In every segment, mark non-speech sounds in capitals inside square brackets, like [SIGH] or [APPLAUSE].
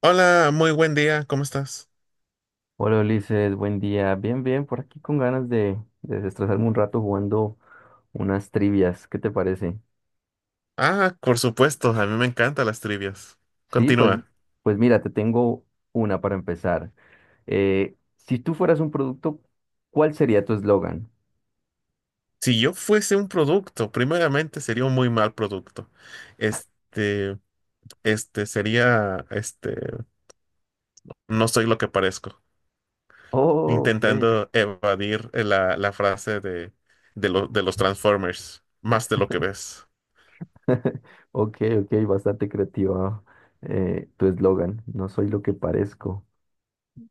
Hola, muy buen día, ¿cómo estás? Hola Ulises, buen día. Bien, bien, por aquí con ganas de desestresarme un rato jugando unas trivias. ¿Qué te parece? Ah, por supuesto, a mí me encantan las trivias. Sí, pues, Continúa. pues mira, te tengo una para empezar. Si tú fueras un producto, ¿cuál sería tu eslogan? Si yo fuese un producto, primeramente sería un muy mal producto. Este, este sería, este, no soy lo que parezco, Oh, ok. intentando evadir la frase de los Transformers, más de lo que ves. [LAUGHS] Ok, ok, bastante creativa tu eslogan. No soy lo que parezco.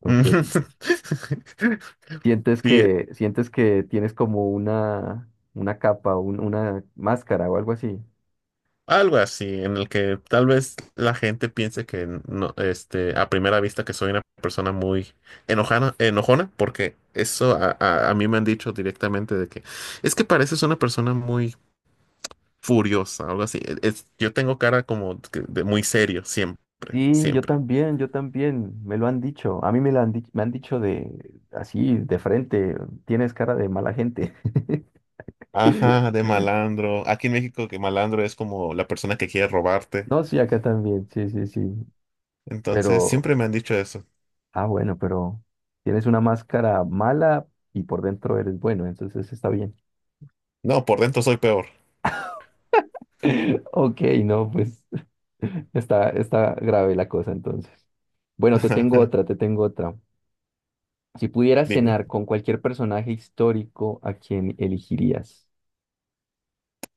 Ok. [LAUGHS] ¿Sientes Sí, que, sientes que tienes como una capa, una máscara o algo así? algo así, en el que tal vez la gente piense que no, a primera vista, que soy una persona muy enojona, porque eso a mí me han dicho directamente de que es que pareces una persona muy furiosa, algo así. Yo tengo cara como que de muy serio, siempre, Sí, siempre. Yo también, me lo han dicho, a mí me lo han, me han dicho de así, de frente, tienes cara de mala gente. Ajá, [LAUGHS] de malandro. Aquí en México, que malandro es como la persona que quiere robarte. No, sí, acá también, sí, sí, sí, Entonces pero, siempre me han dicho eso. ah, bueno, pero tienes una máscara mala y por dentro eres bueno, entonces está bien. No, por dentro soy peor. [LAUGHS] Ok, no, pues [LAUGHS] está, está grave la cosa entonces. Bueno, te tengo otra, [LAUGHS] te tengo otra. Si pudieras Dime. cenar con cualquier personaje histórico, ¿a quién elegirías?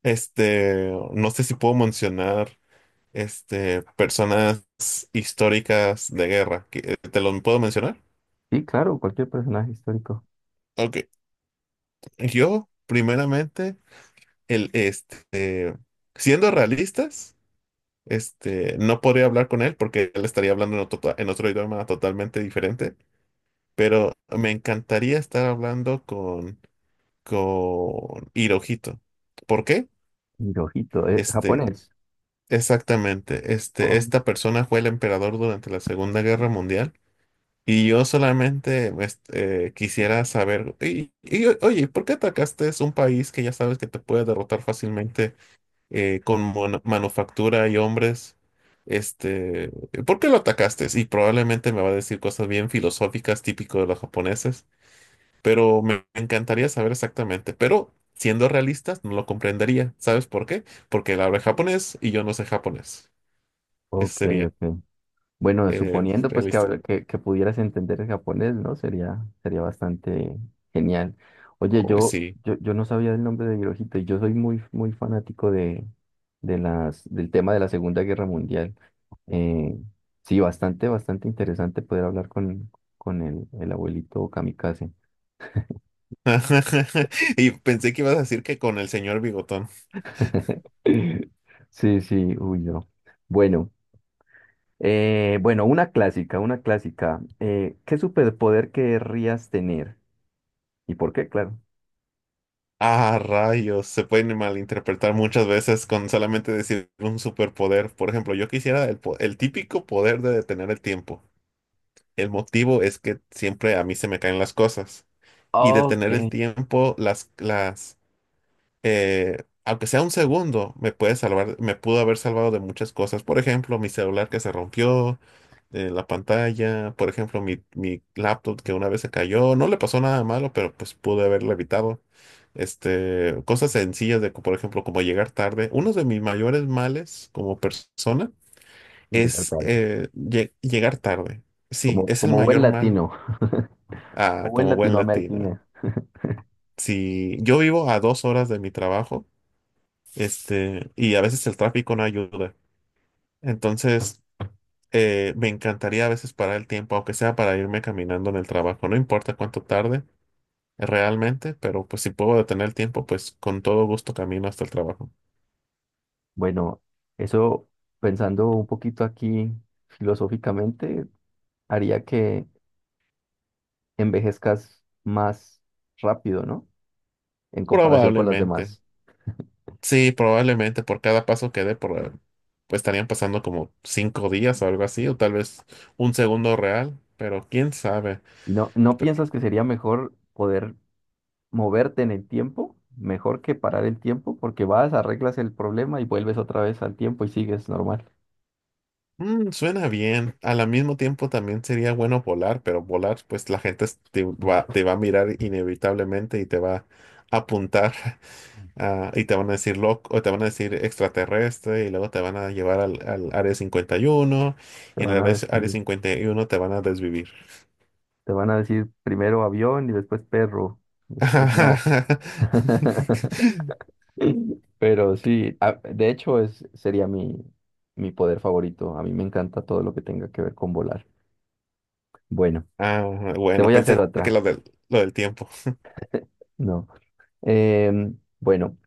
No sé si puedo mencionar, personas históricas de guerra. ¿Te lo puedo mencionar? Sí, claro, cualquier personaje histórico. Ok. Yo, primeramente, el, este, siendo realistas, no podría hablar con él, porque él estaría hablando en otro idioma totalmente diferente, pero me encantaría estar hablando con Hirohito. ¿Por qué? Hirohito, Este, japonés. Exactamente, Oh, esta persona fue el emperador durante la Segunda Guerra Mundial, y yo solamente quisiera saber, oye, ¿por qué atacaste? Es un país que ya sabes que te puede derrotar fácilmente con manufactura y hombres. Este, ¿Por qué lo atacaste? Y probablemente me va a decir cosas bien filosóficas, típico de los japoneses, pero me encantaría saber exactamente, pero siendo realistas no lo comprendería. ¿Sabes por qué? Porque él habla japonés y yo no sé japonés. Eso ok, sería ok. Bueno, suponiendo pues que, realista. Que pudieras entender el japonés, ¿no? Sería, sería bastante genial. Oye, Uy, yo, sí. yo, yo no sabía el nombre de Hirohito y yo soy muy, muy fanático de las, del tema de la Segunda Guerra Mundial. Eh, sí, bastante, bastante interesante poder hablar con el abuelito Kamikaze. [LAUGHS] Y pensé que ibas a decir que con el señor Bigotón. [LAUGHS] Sí, sí, uy, no. Bueno. Bueno, una clásica, una clásica. ¿Qué superpoder querrías tener? ¿Y por qué? Claro. Ah, rayos. Se pueden malinterpretar muchas veces con solamente decir un superpoder. Por ejemplo, yo quisiera el típico poder de detener el tiempo. El motivo es que siempre a mí se me caen las cosas. Y detener el Ok. tiempo, aunque sea un segundo, me puede salvar, me pudo haber salvado de muchas cosas. Por ejemplo, mi celular que se rompió, la pantalla; por ejemplo, mi laptop que una vez se cayó. No le pasó nada malo, pero pues pude haberlo evitado. Cosas sencillas de, por ejemplo, como llegar tarde. Uno de mis mayores males como persona Llegar es tarde. Llegar tarde. Sí, Como, es el como buen mayor mal, latino, [LAUGHS] ah, como buen como buen latino. latinoamericano. [LAUGHS] Si yo vivo a dos horas de mi trabajo, y a veces el tráfico no ayuda. Entonces, me encantaría a veces parar el tiempo, aunque sea para irme caminando en el trabajo. No importa cuánto tarde realmente, pero pues si puedo detener el tiempo, pues con todo gusto camino hasta el trabajo. Bueno, eso pensando un poquito aquí filosóficamente, haría que envejezcas más rápido, ¿no? En comparación con las Probablemente. demás. Sí, probablemente por cada paso que dé, pues estarían pasando como cinco días o algo así, o tal vez un segundo real, pero quién sabe. ¿Y no, no piensas que sería mejor poder moverte en el tiempo, mejor que parar el tiempo, porque vas, arreglas el problema y vuelves otra vez al tiempo y sigues normal? Mm, suena bien. Al mismo tiempo también sería bueno volar, pero volar, pues la gente te va a mirar inevitablemente y te va a apuntar. [LAUGHS] Ah, y te van a decir loco, o te van a decir extraterrestre, y luego te van a llevar al área 51, Te y en van el a área decir, 51 te van a desvivir. te van a decir primero avión y después perro, después no. [LAUGHS] [LAUGHS] Pero sí, de hecho es, sería mi, mi poder favorito. A mí me encanta todo lo que tenga que ver con volar. Bueno, Ah, te bueno, voy a hacer pensé que otra. lo lo del tiempo. No. Bueno,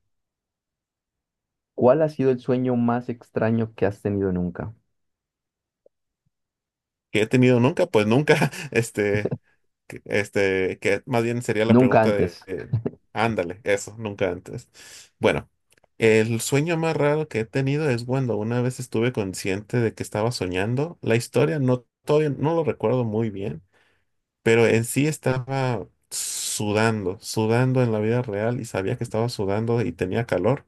¿cuál ha sido el sueño más extraño que has tenido nunca? Que he tenido nunca, pues nunca, [LAUGHS] este. Que más bien sería la Nunca pregunta de, antes. Ándale, eso, nunca antes. Bueno, el sueño más raro que he tenido es cuando una vez estuve consciente de que estaba soñando. La historia no, todavía no lo recuerdo muy bien, pero en sí estaba sudando, sudando en la vida real, y sabía que estaba sudando y tenía calor,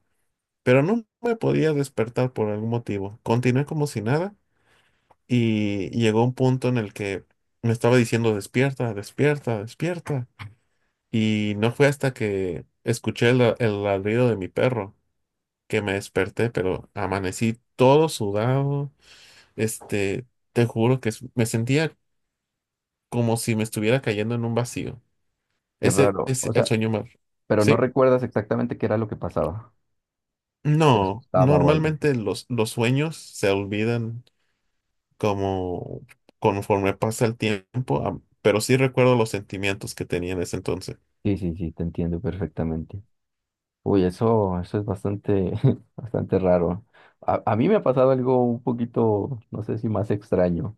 pero no me podía despertar por algún motivo. Continué como si nada, y llegó un punto en el que me estaba diciendo despierta, despierta, despierta. Y no fue hasta que escuché el ladrido de mi perro que me desperté, pero amanecí todo sudado. Este, Te juro que me sentía como si me estuviera cayendo en un vacío. Qué Ese raro. es O el sea, sueño más. pero no ¿Sí? recuerdas exactamente qué era lo que pasaba. Te No, asustaba o algo así. normalmente los sueños se olvidan como conforme pasa el tiempo, pero sí recuerdo los sentimientos que tenía en ese entonces. Sí, sí, sí, te entiendo perfectamente. Uy, eso es bastante, [LAUGHS] bastante raro. A mí me ha pasado algo un poquito, no sé si más extraño,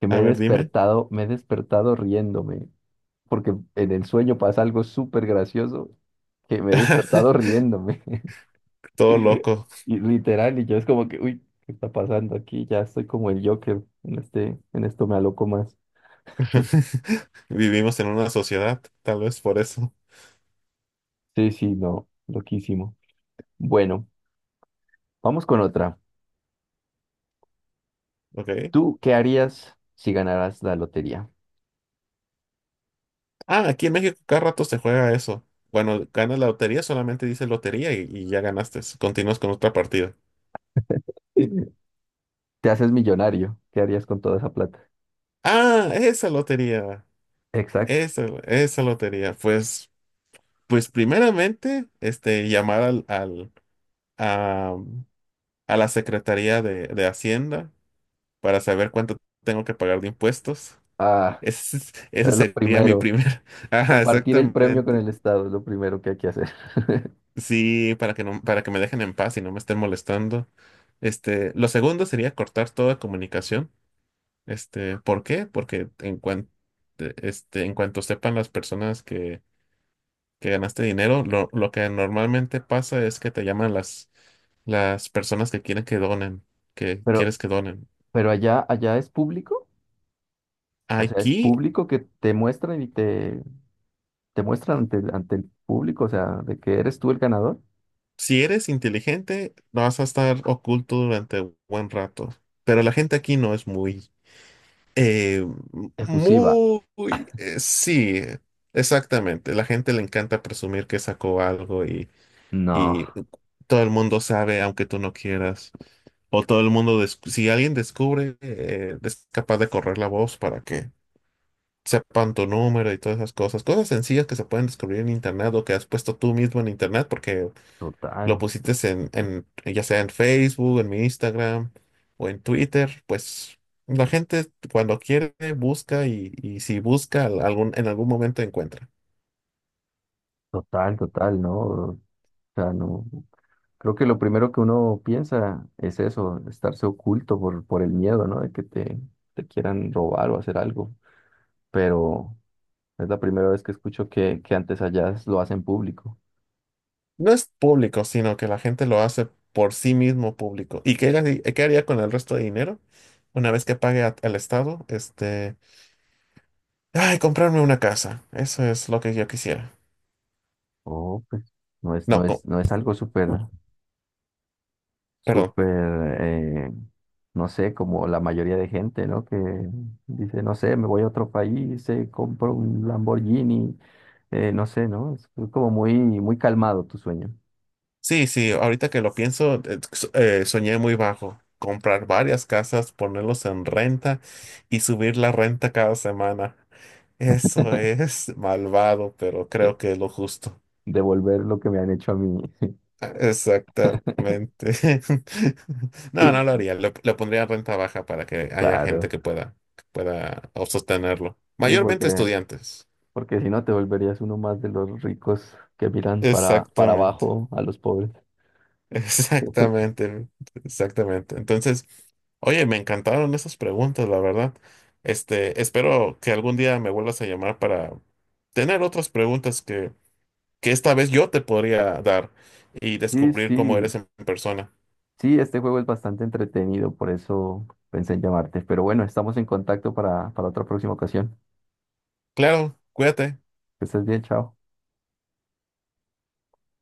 que A ver, dime. Me he despertado riéndome, porque en el sueño pasa algo súper gracioso, que me he despertado [LAUGHS] riéndome. Todo [LAUGHS] loco. Y literal, y yo es como que, uy, ¿qué está pasando aquí? Ya estoy como el Joker, en este, en esto me aloco más. [LAUGHS] Vivimos en una sociedad, tal vez por eso. Sí, sí, no, loquísimo. Bueno, vamos con otra. Ok. ¿Tú qué harías si ganaras la lotería? Ah, aquí en México cada rato se juega eso. Bueno, ganas la lotería, solamente dice lotería y ya ganaste. Continúas con otra partida. [LAUGHS] Te haces millonario. ¿Qué harías con toda esa plata? Ah, esa lotería. Exacto. Esa lotería. Pues, pues primeramente, llamar a, a la Secretaría de Hacienda para saber cuánto tengo que pagar de impuestos. [LAUGHS] Ah, Ese es lo sería mi primero. primer. [LAUGHS] Ajá, Compartir el premio con exactamente. el Estado es lo primero que hay que hacer. [LAUGHS] Sí, para que no, para que me dejen en paz y no me estén molestando. Lo segundo sería cortar toda comunicación. ¿Por qué? Porque en cuanto sepan las personas que ganaste dinero, lo que normalmente pasa es que te llaman las personas que quieren que donen, que Pero, quieres que donen. pero allá, allá es público. O sea, es Aquí, público que te muestran y te muestran ante, ante el público. O sea, de que eres tú el ganador. si eres inteligente, vas a estar oculto durante un buen rato. Pero la gente aquí no es muy... Eh, Efusiva. muy, sí, exactamente. La gente le encanta presumir que sacó algo, No, y todo el mundo sabe, aunque tú no quieras. O todo el mundo, si alguien descubre, es capaz de correr la voz para que sepan tu número y todas esas cosas. Cosas sencillas que se pueden descubrir en internet, o que has puesto tú mismo en internet, porque lo total, pusiste ya sea en Facebook, en mi Instagram o en Twitter, pues la gente cuando quiere busca, y si busca algún, en algún momento encuentra. total, total, no. O sea, no. Creo que lo primero que uno piensa es eso, estarse oculto por el miedo, ¿no? De que te quieran robar o hacer algo. Pero es la primera vez que escucho que antes allá lo hacen público. No es público, sino que la gente lo hace por sí mismo público. ¿Y qué haría con el resto de dinero? Una vez que pague al Estado, este... Ay, comprarme una casa. Eso es lo que yo quisiera. Oh, pues no es, No, no co- es, no es algo súper, Perdón. súper, eh, no sé, como la mayoría de gente, ¿no? Que dice, no sé, me voy a otro país, compro un Lamborghini, no sé, ¿no? Es como muy, muy calmado tu sueño Sí, sí, ahorita que lo pienso, soñé muy bajo. Comprar varias casas, ponerlos en renta y subir la renta cada semana. Eso es [LAUGHS] malvado, pero de, creo que es lo justo. de volver lo que me han hecho a mí. Exactamente. [LAUGHS] No, no lo [LAUGHS] haría. Lo pondría en renta baja para que haya gente Claro, que pueda sostenerlo. sí, Mayormente porque, estudiantes. porque si no te volverías uno más de los ricos que miran para Exactamente. abajo a los pobres. [LAUGHS] [LAUGHS] Exactamente, exactamente. Entonces, oye, me encantaron esas preguntas, la verdad. Espero que algún día me vuelvas a llamar para tener otras preguntas que esta vez yo te podría dar y Sí, descubrir cómo eres sí, en persona. sí, este juego es bastante entretenido, por eso pensé en llamarte. Pero bueno, estamos en contacto para otra próxima ocasión. Claro, cuídate. Que estés bien, chao.